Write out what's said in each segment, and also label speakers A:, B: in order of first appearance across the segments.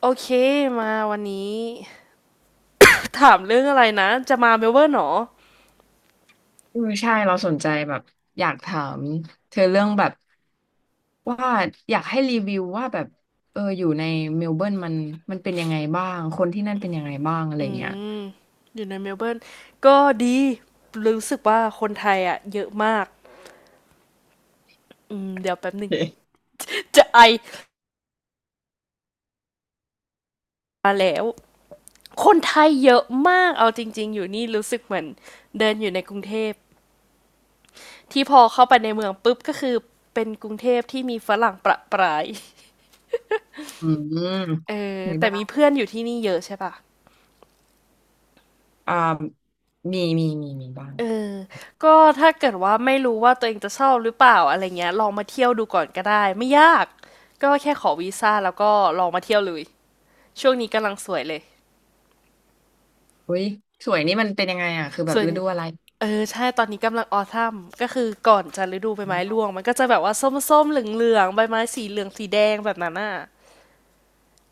A: โอเคมาวันนี้ ถามเรื่องอะไรนะจะมาเมลเบิร์นเหรอ
B: ใช่เราสนใจแบบอยากถามเธอเรื่องแบบว่าอยากให้รีวิวว่าแบบอยู่ในเมลเบิร์นมันเป็นยังไงบ้างคนที่นั่นเป็นยังไงบ้างอะไร
A: อื
B: เงี้ย
A: มอยู่ในเมลเบิร์นก็ดีรู้สึกว่าคนไทยอ่ะเยอะมากอืมเดี๋ยวแป๊บหนึ่
B: โอ
A: ง
B: เค
A: จะไอมาแล้วคนไทยเยอะมากเอาจริงๆอยู่นี่รู้สึกเหมือนเดินอยู่ในกรุงเทพที่พอเข้าไปในเมืองปุ๊บก็คือเป็นกรุงเทพที่มีฝรั่งประปราย
B: อืม
A: เออ
B: มี
A: แต่
B: บ้า
A: มี
B: ง
A: เพื่อนอยู่ที่นี่เยอะใช่ปะ
B: อ่ามีบ้าง
A: เออก็ถ้าเกิดว่าไม่รู้ว่าตัวเองจะชอบหรือเปล่าอะไรเงี้ยลองมาเที่ยวดูก่อนก็ได้ไม่ยากก็แค่ขอวีซ่าแล้วก็ลองมาเที่ยวเลยช่วงนี้กำลังสวยเลย
B: อุ้ยสวยนี่มันเป็นยังไงอ่ะคือแบบ
A: ส่วน
B: ฤดูอะไร
A: เออใช่ตอนนี้กำลังออท m มก็คือก่อนจะฤดูใบไม้ร่วงมันก็จะแบบว่าส้มๆเหลืองๆใบไม้สีเหลืองสีแดงแบบนั้นน่ะ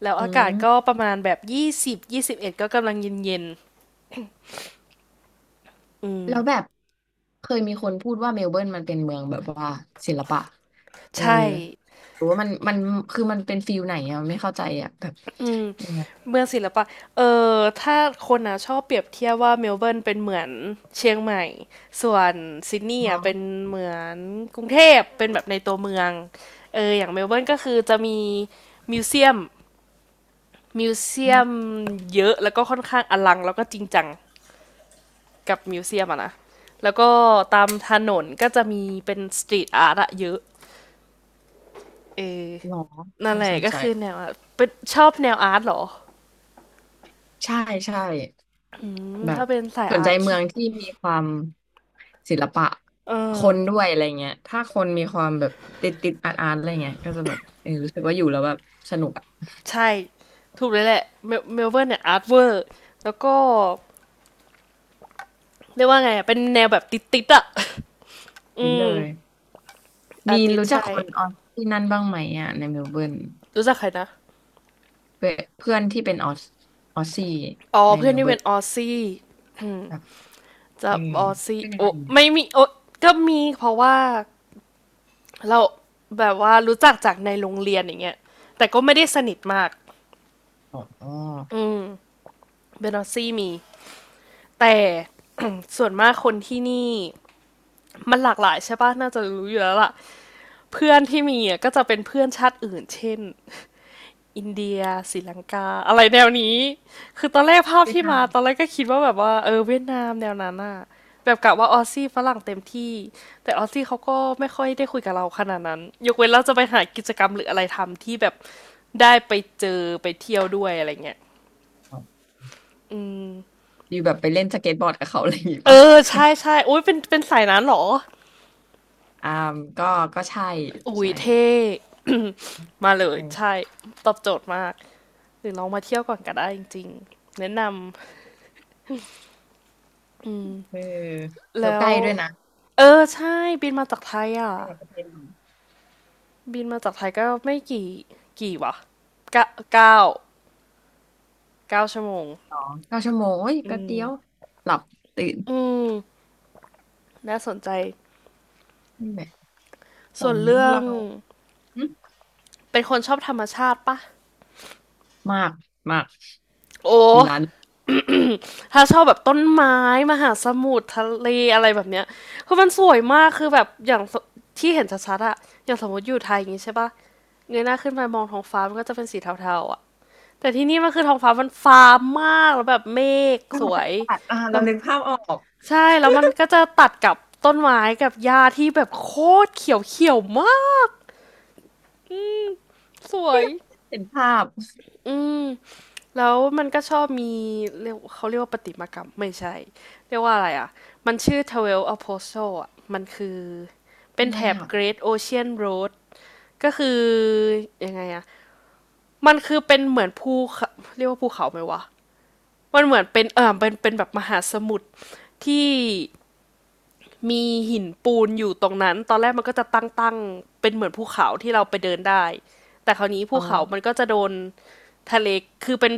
A: แล้ว
B: อื
A: อากาศ
B: ม
A: ก็ประมาณแบบ20-21ก็กำลังเย็น
B: แล้วแบบเคยมีคนพูดว่าเมลเบิร์นมันเป็นเมืองแบบว่าศิลปะ
A: ๆ
B: เออ
A: ใช่
B: หรือว่ามันคือมันเป็นฟิลไหนอะไม่เข้าใจอะแบบยังไง
A: เมืองศิลปะ เออ ถ้าคนอ่ะชอบเปรียบเทียบว่าเมลเบิร์นเป็นเหมือนเชียงใหม่ ส่วนซิดนีย์
B: อ๋
A: อ่ะเป็น
B: อ
A: เหมือนกรุงเทพ เป็นแบบในตัวเมือง เออ อย่างเมลเบิร์นก็คือจะมีมิวเซียมมิวเซียมเยอะแล้วก็ค่อนข้างอลังแล้วก็จริงจังกับมิวเซียมอะนะ แล้วก็ตามถนนก็จะมีเป็นสตรีทอาร์ตอะเยอะ เออ
B: หรอ
A: นั่น
B: น่า
A: แห
B: ส
A: ละ
B: น
A: ก็
B: ใจ
A: คือแนวอะเป็นชอบแนวอาร์ตเหรอ
B: ใช่ใช่
A: อืม
B: แบบ
A: ถ้าเป็นสาย
B: สน
A: อา
B: ใจ
A: ร์ต
B: เมื
A: คิด
B: องที่มีความศิลปะ
A: เออ
B: คนด้วยอะไรเงี้ยถ้าคนมีความแบบติดอาร์ตอะไรเงี้ยก็จะแบบเออรู้สึกว่าอยู่แล้วแบบสนุกอะ
A: ใช่ ถูกเลยแหละเมลเบิร์นเนี่ยอาร์ตเวอร์แล้วก็เรียกว่าไงอะเป็นแนวแบบติดติดๆอะ อื
B: นิดเล
A: ม
B: ย
A: อา
B: มี
A: ร์ติส
B: รู้จัก
A: ใช่
B: คนออสที่นั่นบ้างไหมอะในเมลเบิร์น
A: รู้จักใครนะ
B: เพื่อนเพื่อนที่เป็นออสออสซี่
A: อ๋อ
B: ใน
A: เพื่
B: เม
A: อน
B: ล
A: ที่
B: เบิ
A: เป็
B: ร์น
A: นออซซี่
B: แบบ
A: จะ
B: เออ
A: ออซซี่
B: เป็นยัง
A: โอ้
B: ไงเนี่ย
A: ไม่มี โอ้ก็มีเพราะว่าเราแบบว่ารู้จักจากในโรงเรียนอย่างเงี้ย แต่ก็ไม่ได้สนิทมาก
B: อ๋อ
A: อืมเป็นออซี่มี แต่ ส่วนมากคนที่นี่มันหลากหลายใช่ปะน่าจะรู้อยู่แล้วล่ะเพื่อนที่มีอะก็จะเป็นเพื่อนชาติอื่นเช่น อินเดียศรีลังกาอะไรแนวนี้คือตอนแรกภาพ
B: เวียด
A: ที่
B: นา
A: มา
B: ม
A: ตอนแรกก็คิดว่าแบบว่าเออเวียดนามแนวนั้นน่ะแบบกะว่าออสซี่ฝรั่งเต็มที่แต่ออสซี่เขาก็ไม่ค่อยได้คุยกับเราขนาดนั้นยกเว้นเราจะไปหากิจกรรมหรืออะไรทำที่แบบได้ไปเจอไปเที่ยวด้วยอะไรเงี้ย
B: เหรออยู่แบบไปเล่นสเก็ตบอร์ดกับเขาอะไรอย่างงี้
A: เอ
B: ปะ
A: อใช่ใช่อุ้ยเป็นสายนั้นเหรอ
B: อ่าก็ใช่
A: อุ้ย
B: ใช่
A: เท่ มาเลย
B: ไป
A: ใช่ตอบโจทย์มากหรือลองมาเที่ยวก่อนก็ได้จริงๆแนะน
B: เออ
A: ำ
B: แล้ว
A: แล้
B: ใก
A: ว
B: ล้ด้วยนะ
A: เออใช่บินมาจากไทยอ่ะ
B: ใกล้กับประเทศเรา
A: บินมาจากไทยก็ไม่กี่กี่วะเก้าเก้า9 ชั่วโมง
B: สองเก้าชั่วโมงโอ้ยแป๊บเดียวหลับตื่น
A: อืมน่าสนใจ
B: นี่แหละขอ
A: ส่วน
B: ง
A: เรื่อง
B: เราหึ
A: เป็นคนชอบธรรมชาติปะ
B: มากมาก
A: โอ้
B: ถึงร้าน
A: ถ้าชอบแบบต้นไม้มหาสมุทรทะเลอะไรแบบเนี้ยคือมันสวยมากคือแบบอย่างที่เห็นชัดๆอะอย่างสมมติอยู่ไทยอย่างงี้ใช่ปะเงยหน้าขึ้นไปมองท้องฟ้ามันก็จะเป็นสีเทาๆอะแต่ที่นี่มันคือท้องฟ้ามันฟ้ามากแล้วแบบเมฆสว
B: จัด
A: ย
B: อ่า
A: แล้
B: เรา
A: ว
B: นึกภาพออก
A: ใช่แล้วมันก็จะตัดกับต้นไม้กับหญ้าที่แบบโคตรเขียวเขียวมากสวย
B: เห็นภาพ
A: อืมแล้วมันก็ชอบมีเรียกเขาเรียกว่าประติมากรรมไม่ใช่เรียกว่าอะไรอ่ะมันชื่อ Twelve Apostles อ่ะมันคือเป็
B: คือ
A: น
B: อะ
A: แถ
B: ไร
A: บ
B: อ่ะ
A: Great Ocean Road ก็คือยังไงอ่ะมันคือเป็นเหมือนภูเขาเรียกว่าภูเขาไหมวะมันเหมือนเป็นเออเป็นแบบมหาสมุทรที่ มีหินปูนอยู่ตรงนั้น ตอนแรกมันก็จะตั้งๆเป็นเหมือนภูเขาที่เราไปเดินได้ แต่คราวนี้ภู
B: อ๋อ
A: เขามันก็จะโดนทะเล คือเป็น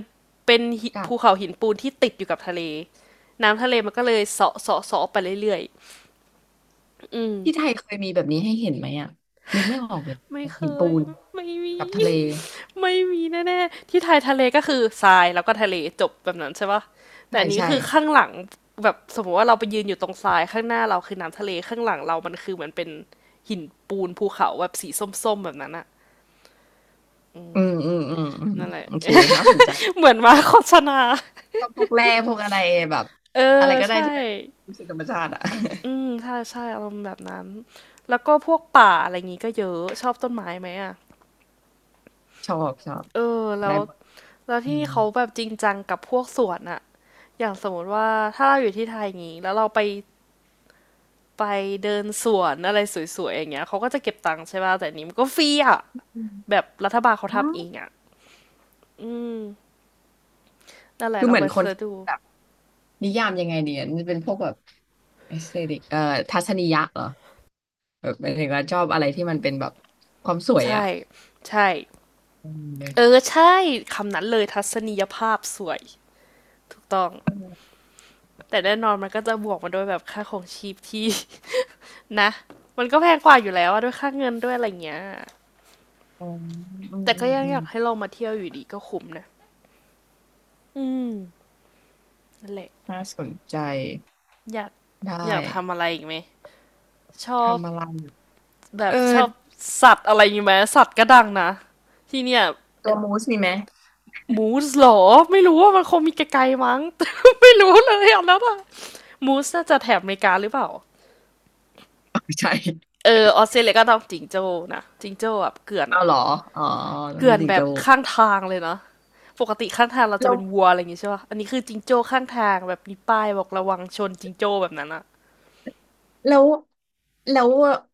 A: เป็นหิ
B: จัด
A: ภูเขาหินปูนที่ติดอยู่กับทะเล น้ำทะเลมันก็เลยเสาะเสาะเสาะไปเรื่อยๆอืม
B: ที่ไทยเคยมีแบบนี้ให้เห็นไหมอ่ะนึกไม่ออกเลย
A: ไม่เค
B: หินปู
A: ย
B: น
A: ไม่มี
B: กับทะเล
A: ไม่มีแน่ๆที่ไทยทะเลก็คือทรายแล้วก็ทะเลจบแบบนั้นใช่ปะแต่
B: ใช่
A: อันนี้
B: ใช่
A: คือข้างหลังแบบสมมติว่าเราไปยืนอยู่ตรงทรายข้างหน้าเราคือน้ำทะเลข้างหลังเรามันคือเหมือนเป็นหินปูนภูเขาแบบสีส้มๆแบบนั้นอะ
B: อืม
A: นั่นแหละ
B: โอเคน่าสน ใจ
A: เหมือนมาโฆษณา
B: ก็พวกแร่พวกอะไรแบบ
A: เอ
B: อะไร
A: อ
B: ก็ได้
A: ใช่
B: ที่เป็นรู้สึกธรรมชาติอ่ะ
A: อืมใช่ใช่อารมณ์แบบนั้นแล้วก็พวกป่าอะไรอย่างงี้ก็เยอะชอบต้นไม้ไหมอะ
B: ชอบชอบ
A: เออแล้
B: ได้
A: ว
B: หมด
A: แล้ว
B: อื
A: ที่นี่
B: ม
A: เขาแบบจริงจังกับพวกสวนอะ อย่างสมมติว่าถ้าเราอยู่ที่ไทยงงี้แล้วเราไปไปเดินสวนอะไรสวยๆอย่างเงี้ยเขาก็จะเก็บตังค์ใช่ป่ะแต่อันนี้มันก็ฟรีอ่ะ
B: อืม
A: แบบรัฐบาลเขา
B: ว้า
A: ทำเอง
B: ว
A: อ่ะนั่นแหละ
B: คือ
A: ล
B: เห
A: อง
B: มือ
A: ไป
B: นคน
A: เสิร์ช
B: ที่
A: ดู
B: แบบนิยามยังไงเนี่ยมันเป็นพวกแบบเอสเตติกทัศนียะเหรอแบบหมายถึงว่าชอบอะไรที่มันเป็นแบบความสวย
A: ใช่
B: อ่ะ
A: ใช่
B: อื
A: เออ
B: ม
A: ใช่คำนั้นเลยทัศนียภาพสวยถูกต้อง
B: อื
A: แต่แน่นอนมันก็จะบวกมาด้วยแบบค่าของชีพที่ นะมันก็แพงกว่าอยู่แล้วอะด้วยค่าเงินด้วยอะไรเงี้ย
B: มอืมอืม
A: แต่ก็ยัง
B: อื
A: อ
B: ม
A: ยากให้ลองมาเที่ยวอยู่ดีก็คุ้มนะอืมนั่นแหละ
B: น่าสนใจ
A: อยาก
B: ได้
A: ทำอะไรอีกไหมชอบ
B: ทำอะไรอยู่
A: แบ
B: เอ
A: บ
B: อ
A: ชอบสัตว์อะไรอย่ไหมสัตว์ก็ดังนะที่เนี่ย
B: ตัวมูสมีไหม
A: มูสหรอไม่รู้ว่ามันคงมีไกลๆมั้ง ไม่รู้เลยอ่ะแล้วอะมูสน่าจะแถบอเมริกาหรือเปล่า
B: ไม่ ใช่
A: เออออสเตรเลียก็ต้องจิงโจ้นะจิงโจ้แบบเกลื่อน
B: เอา
A: อะ
B: เหรออ๋อแล้
A: เก
B: ว
A: ลื่
B: ไม่
A: อน
B: ติง
A: แบ
B: โจ
A: บข้างทางเลยนะปกติข้างทางเราจะ
B: แล้ว
A: เป็นวัวอะไรอย่างงี้ใช่ป่ะอันนี้คือจิงโจ้ข้างทางแบบมีป้ายบอกระวังชนจิงโจ้แบบนั้นอะ
B: แล้วแล้ว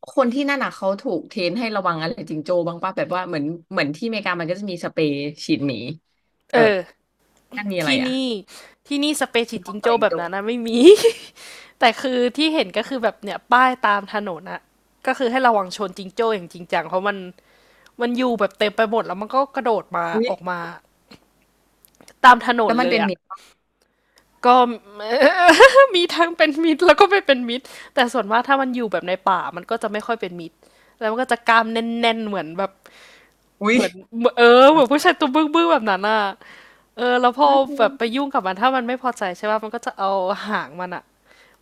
B: คนที่นั่นอ่ะเขาถูกเทรนให้ระวังอะไรจิงโจ้บ้างป่ะแบบว่าเหมือนที่อเมริกามันก็จะมีสเปรย์ฉีดหมีเอ
A: เอ
B: อ
A: อ
B: นั่นมีอะไร
A: ที่
B: อ่ะ
A: นี่ที่นี่สเปเชียล
B: น้อ
A: จิ
B: ง
A: ง
B: ใส่อ
A: โจ้
B: ยจิ
A: แบ
B: งโจ
A: บนั้นนะไม่มี แต่คือที่เห็นก็คือแบบเนี่ยป้ายตามถนนอะก็คือให้ระวังชนจิงโจ้อย่างจริงจังเพราะมันอยู่แบบเต็มไปหมดแล้วมันก็กระโดดมา
B: อุ๊ย
A: ออกมาตามถน
B: แล้
A: น
B: วมัน
A: เล
B: เป็
A: ย
B: นห
A: อะ
B: มี
A: ก็มีทั้งเป็นมิตรแล้วก็ไม่เป็นมิตรแต่ส่วนมากถ้ามันอยู่แบบในป่ามันก็จะไม่ค่อยเป็นมิตรแล้วมันก็จะกล้ามแน่นๆเหมือนแบบ
B: อุ๊ย
A: เหมือนเอเอเห
B: น้อ
A: มือ
B: ง
A: นผู้
B: ไป
A: ชายตัวบึ้งๆแบบนั้นอะเออแล้วพอ
B: น่ากลัว
A: แบบไปยุ่งกับมันถ้ามันไม่พอใจใช่ป่ะมันก็จะเอาหางมันอะ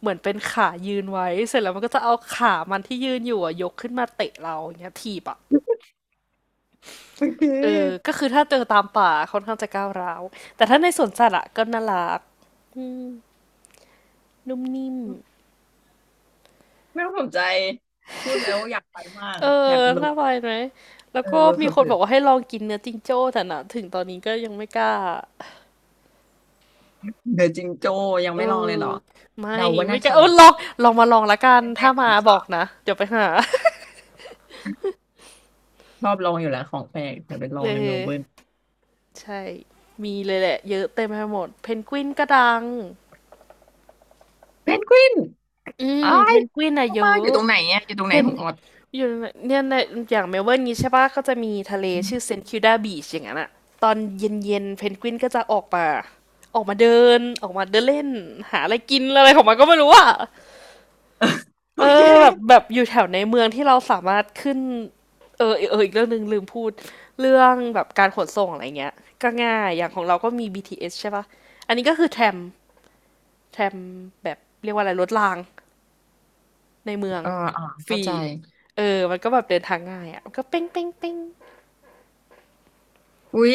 A: เหมือนเป็นขายืนไว้เสร็จแล้วมันก็จะเอาขามันที่ยืนอยู่อะยกขึ้นมาเตะเราอย่างเงี้ยถีบอะ
B: โอเค
A: เออก็คือถ้าเจอตามป่าค่อนข้างจะก้าวร้าวแต่ถ้าในสวนสัตว์อะก็น่ารักอืมนุ่มนิ่ม
B: ไม่ต้องสนใจพูดแล้วอยากไปมาก
A: เออ
B: อยากล
A: น่า
B: ง
A: ไปไหมแล้ว
B: เออ
A: ก็มีค
B: เผ
A: น
B: ล
A: บ
B: อ
A: อกว่าให้ลองกินเนื้อจิงโจ้แต่นะถึงตอนนี้ก็ยังไม่กล้า
B: เดอะจิงโจ้ยัง
A: เอ
B: ไม่ลองเลย
A: อ
B: เหรอ
A: ไม่
B: เดาว่าน่า
A: ไม่กล้า
B: จะ
A: เอ
B: แบ
A: อ
B: บ
A: ลองมาลองละกัน
B: แร
A: ถ้า
B: ก
A: มา
B: ๆ
A: บ
B: สา
A: อก
B: ม
A: นะเดี๋ยวไปหา
B: ๆชอบลองอยู่แล้วของแปลกแต่ไปล อ
A: เอ
B: งในเมล
A: อ
B: เบิร์น
A: ใช่มีเลยแหละเยอะเต็มไปหมดเพนกวินก็ดัง
B: เพนกวิน
A: อืม
B: อ้า
A: เพ
B: ย
A: นกวินอะ
B: เข้า
A: เย
B: มาอ
A: อะ
B: ยู่ตรงไหนเนี่ยอยู่ตรงไหน
A: เป็น
B: ของออด
A: อยู่ในเนี่ยในอย่างเมลเบิร์นนี้ใช่ปะก็จะมีทะเลชื่อเซนต์คิวดาบีชอย่างนั้นอะตอนเย็นๆเพนกวินก็จะออกมาออกมาเดินเล่นหาอะไรกินอะไรของมันก็ไม่รู้อะ
B: โอ
A: เอ
B: เค
A: อแบบอยู่แถวในเมืองที่เราสามารถขึ้นเอออีกเรื่องหนึ่งลืมพูดเรื่องแบบการขนส่งอะไรเงี้ยก็ง่ายอย่างของเราก็มีบีทีเอสใช่ปะอันนี้ก็คือแทรมแทรมแบบเรียกว่าอะไรรถราง ในเมือง
B: เอออ่า
A: ฟ
B: เข้า
A: รี
B: ใจ
A: เออมันก็แบบเดินทางง่ายอ่ะมันก็เป้ง
B: อุ้ย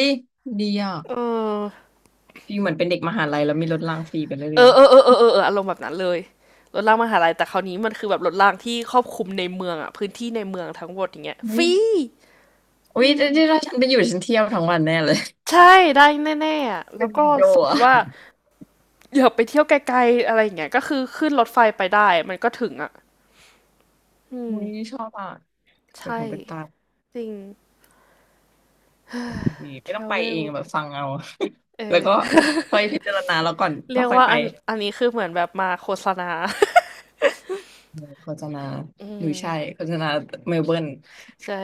B: ดีอ่ะ
A: เออ
B: ฟีลเหมือนเป็นเด็กมหาลัยแล้วมีรถรางฟรีไป
A: เอ
B: เรื่อ
A: อ
B: ย
A: เออเออเออเออเอออารมณ์แบบนั้นเลยรถรางมหาลัยแต่คราวนี้มันคือแบบรถรางที่ครอบคลุมในเมืองอ่ะพื้นที่ในเมืองทั้งหมดอย่างเงี้ย
B: ๆ
A: ฟรี
B: อุ้ย
A: อืม
B: ที่ถ้าฉันไปอยู่ฉันเที่ยวทั้งวันแน่เลย
A: ใช่ได้แน่ๆอ่ะ แล้
B: เป็
A: ว
B: น
A: ก็
B: จิงโจ้
A: สมม
B: อ่ะ
A: ติว่าอยากไปเที่ยวไกลๆอะไรอย่างเงี้ยก็คือขึ้นรถไฟไปได้มันก็ถึงอ่ะอืม
B: อุ้ยชอบอ่ะเปิด
A: ใช่
B: หูเปิดตา
A: จริง
B: ดีไม่ต้องไปเอง
A: travel
B: แบบฟังเอา
A: เอ
B: แล้ว
A: อ
B: ก็ ค่อยพิจารณาแล้วก่อนแล้
A: เรี
B: ว
A: ยก
B: ค่อย
A: ว่า
B: ไป
A: อันนี้คือเหมือนแบบมาโฆษณา
B: โฆษณา
A: อื
B: หรือ
A: ม
B: ใช่โฆษณาเมลเบิร์น
A: ใช่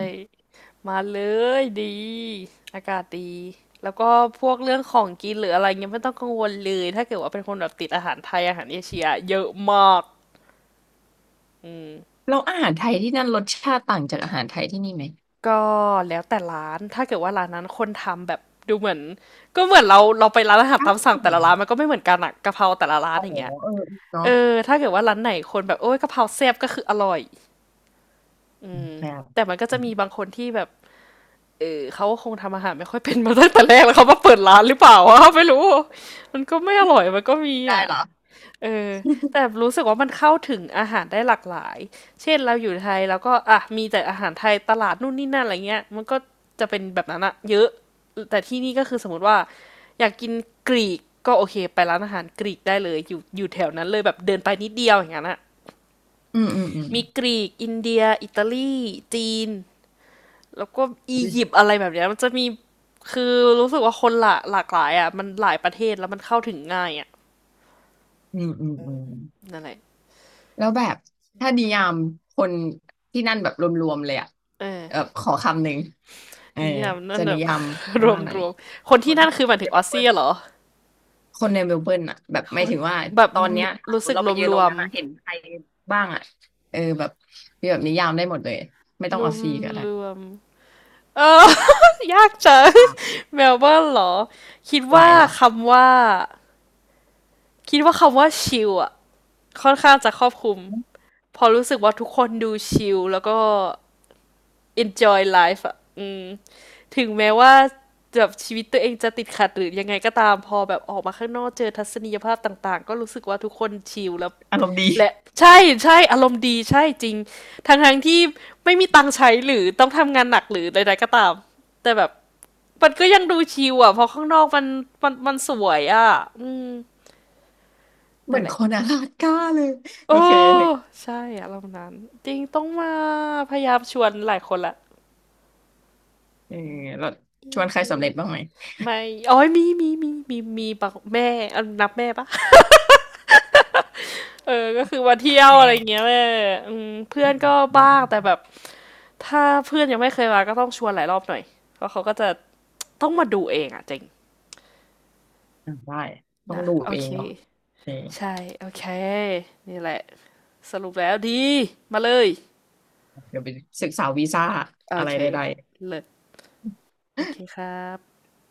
A: มาเลยดีอากาศดีแล้วก็พวกเรื่องของกินหรืออะไรเงี้ยไม่ต้องกังวลเลยถ้าเกิดว่าเป็นคนแบบติดอาหารไทยอาหารเอเชียเยอะมากอืม
B: แล้วอาหารไทยที่นั่นรสชาติต่างจากอาหารไทยที่นี่ไหม
A: ก็แล้วแต่ร้านถ้าเกิดว่าร้านนั้นคนทำแบบดูเหมือนก็เหมือนเราไปร้านอาหาร
B: อ้า
A: ตาม
B: ว
A: สั่งแต่ละร้านมันก็ไม่เหมือนกันอะกะเพราแต่ละร้าน
B: อ๋อ
A: อย่างเงี้ย
B: เออเนาะ
A: เออถ้าเกิดว่าร้านไหนคนแบบโอ้ยกะเพราแซ่บก็คืออร่อย
B: แบบ
A: แต่มันก็จะมีบางคนที่แบบ เขาคงทำอาหารไม่ค่อยเป็นมาตั้งแต่แรกแล้วเขามาเปิดร้านหรือเปล่าวะ ไม่รู้มันก็ไม่อร่อยมันก็มี
B: ได้
A: อ่ะ
B: เหรอ
A: เออแต่รู้สึกว่ามันเข้าถึงอาหารได้หลากหลายเช่นเราอยู่ไทยแล้วก็อ่ะมีแต่อาหารไทยตลาดนู่นนี่นั่นอะไรเงี้ยมันก็จะเป็นแบบนั้นอะเยอะแต่ที่นี่ก็คือสมมติว่าอยากกินกรีกก็โอเคไปร้านอาหารกรีกได้เลยอยู่แถวนั้นเลยแบบเดินไปนิดเดียวอย่างนั้นอะ
B: อืม
A: มีกรีกอินเดียอิตาลีจีน แล้วก็อี
B: อุย
A: ยิปต์อะไรแบบเนี้ยมันจะมีคือรู้สึกว่าคนหลากหลายอ่ะมันหลายประเทศแล้วมันเข้าถึงง่ายอ่ะ
B: อืม
A: นั่นแหละ
B: แล้วแบบถ้านิยามคนที่นั่นแบบรวมๆเลยอะ
A: เอ
B: แบบ
A: อ
B: ขอคำหนึ่งเออ
A: นี่อ่ะนนั่
B: จะ
A: นแบ
B: นิ
A: บ
B: ยาม ว่าอะไร
A: รวมคน
B: ค
A: ที่
B: น
A: นั่นคือห
B: ค
A: มาย
B: น
A: ถึ
B: จะ
A: งอ
B: เป็
A: อ
B: น
A: ส
B: ค
A: เซี
B: น
A: ยเหรอ
B: คนในเมลเบิร์นอะแบบ
A: ค
B: หมาย
A: น
B: ถึงว่า
A: แบบ
B: ตอนเนี้ยถ้าส
A: รู้
B: มม
A: สึ
B: ติ
A: ก
B: เราไปยืนตรงนั้นอะเห็นใครบ้างอะเออแบบมีแบบนิยามได้หมดเลยไม่ต้
A: ร
B: องเอา
A: วม
B: ซีก็ได้
A: รวมเออ ยากจัง
B: อ่า
A: เมลเบิร์นเหรอคิด
B: หลากหลา
A: ว่า
B: ยเหรอ
A: คำว่าชิลอ่ะค่อนข้างจะครอบคลุมพอรู้สึกว่าทุกคนดูชิลแล้วก็ enjoy life อ่ะอืมถึงแม้ว่าแบบชีวิตตัวเองจะติดขัดหรือยังไงก็ตามพอแบบออกมาข้างนอกเจอทัศนียภาพต่างๆก็รู้สึกว่าทุกคนชิลแล้ว
B: อารมณ์ดี
A: และใช่ใช่อารมณ์ดีใช่จริงทั้งๆที่ไม่มีตังค์ใช้หรือต้องทำงานหนักหรือใดๆก็ตามแต่แบบมันก็ยังดูชิลอ่ะเพราะข้างนอกมันมันสวยอ่ะอืม
B: เหมื
A: นั่
B: อ
A: น
B: น
A: แห
B: ค
A: ละ
B: นอลาสก้าเลย
A: โอ้
B: โอเคนึก
A: ใช่อารมณ์นั้นจริงต้องมาพยายามชวนหลายคนละ
B: เออเราชวนใครสำเร็จบ้างไหม
A: ไม่อ๋อยมีบอกแม่เออนับแม่เปะ เออ ก็คือมาเที่ยวอะไรอย่างเงี้
B: แน่
A: ยแม่อืมเพื่
B: อื
A: อน
B: ม
A: ก็
B: อ่า
A: บ้าง แต่แบบ ถ้าเพื่อนยังไม่เคยมาก็ต้องชวนหลายรอบหน่อย เพราะเขาก็จะ ต้องมาดูเองอะเจริง
B: ได้ต้อง
A: นะ
B: ดู
A: โอ
B: เอ
A: เค
B: งเนาะเออ
A: ใช่ โอเค นี่แหละสรุปแล้วดี มาเลย
B: เดี๋ยวไปศึกษาวีซ่า
A: โอ
B: อะไร
A: เค
B: ใด
A: เลิศโอ
B: ๆ
A: เคครับ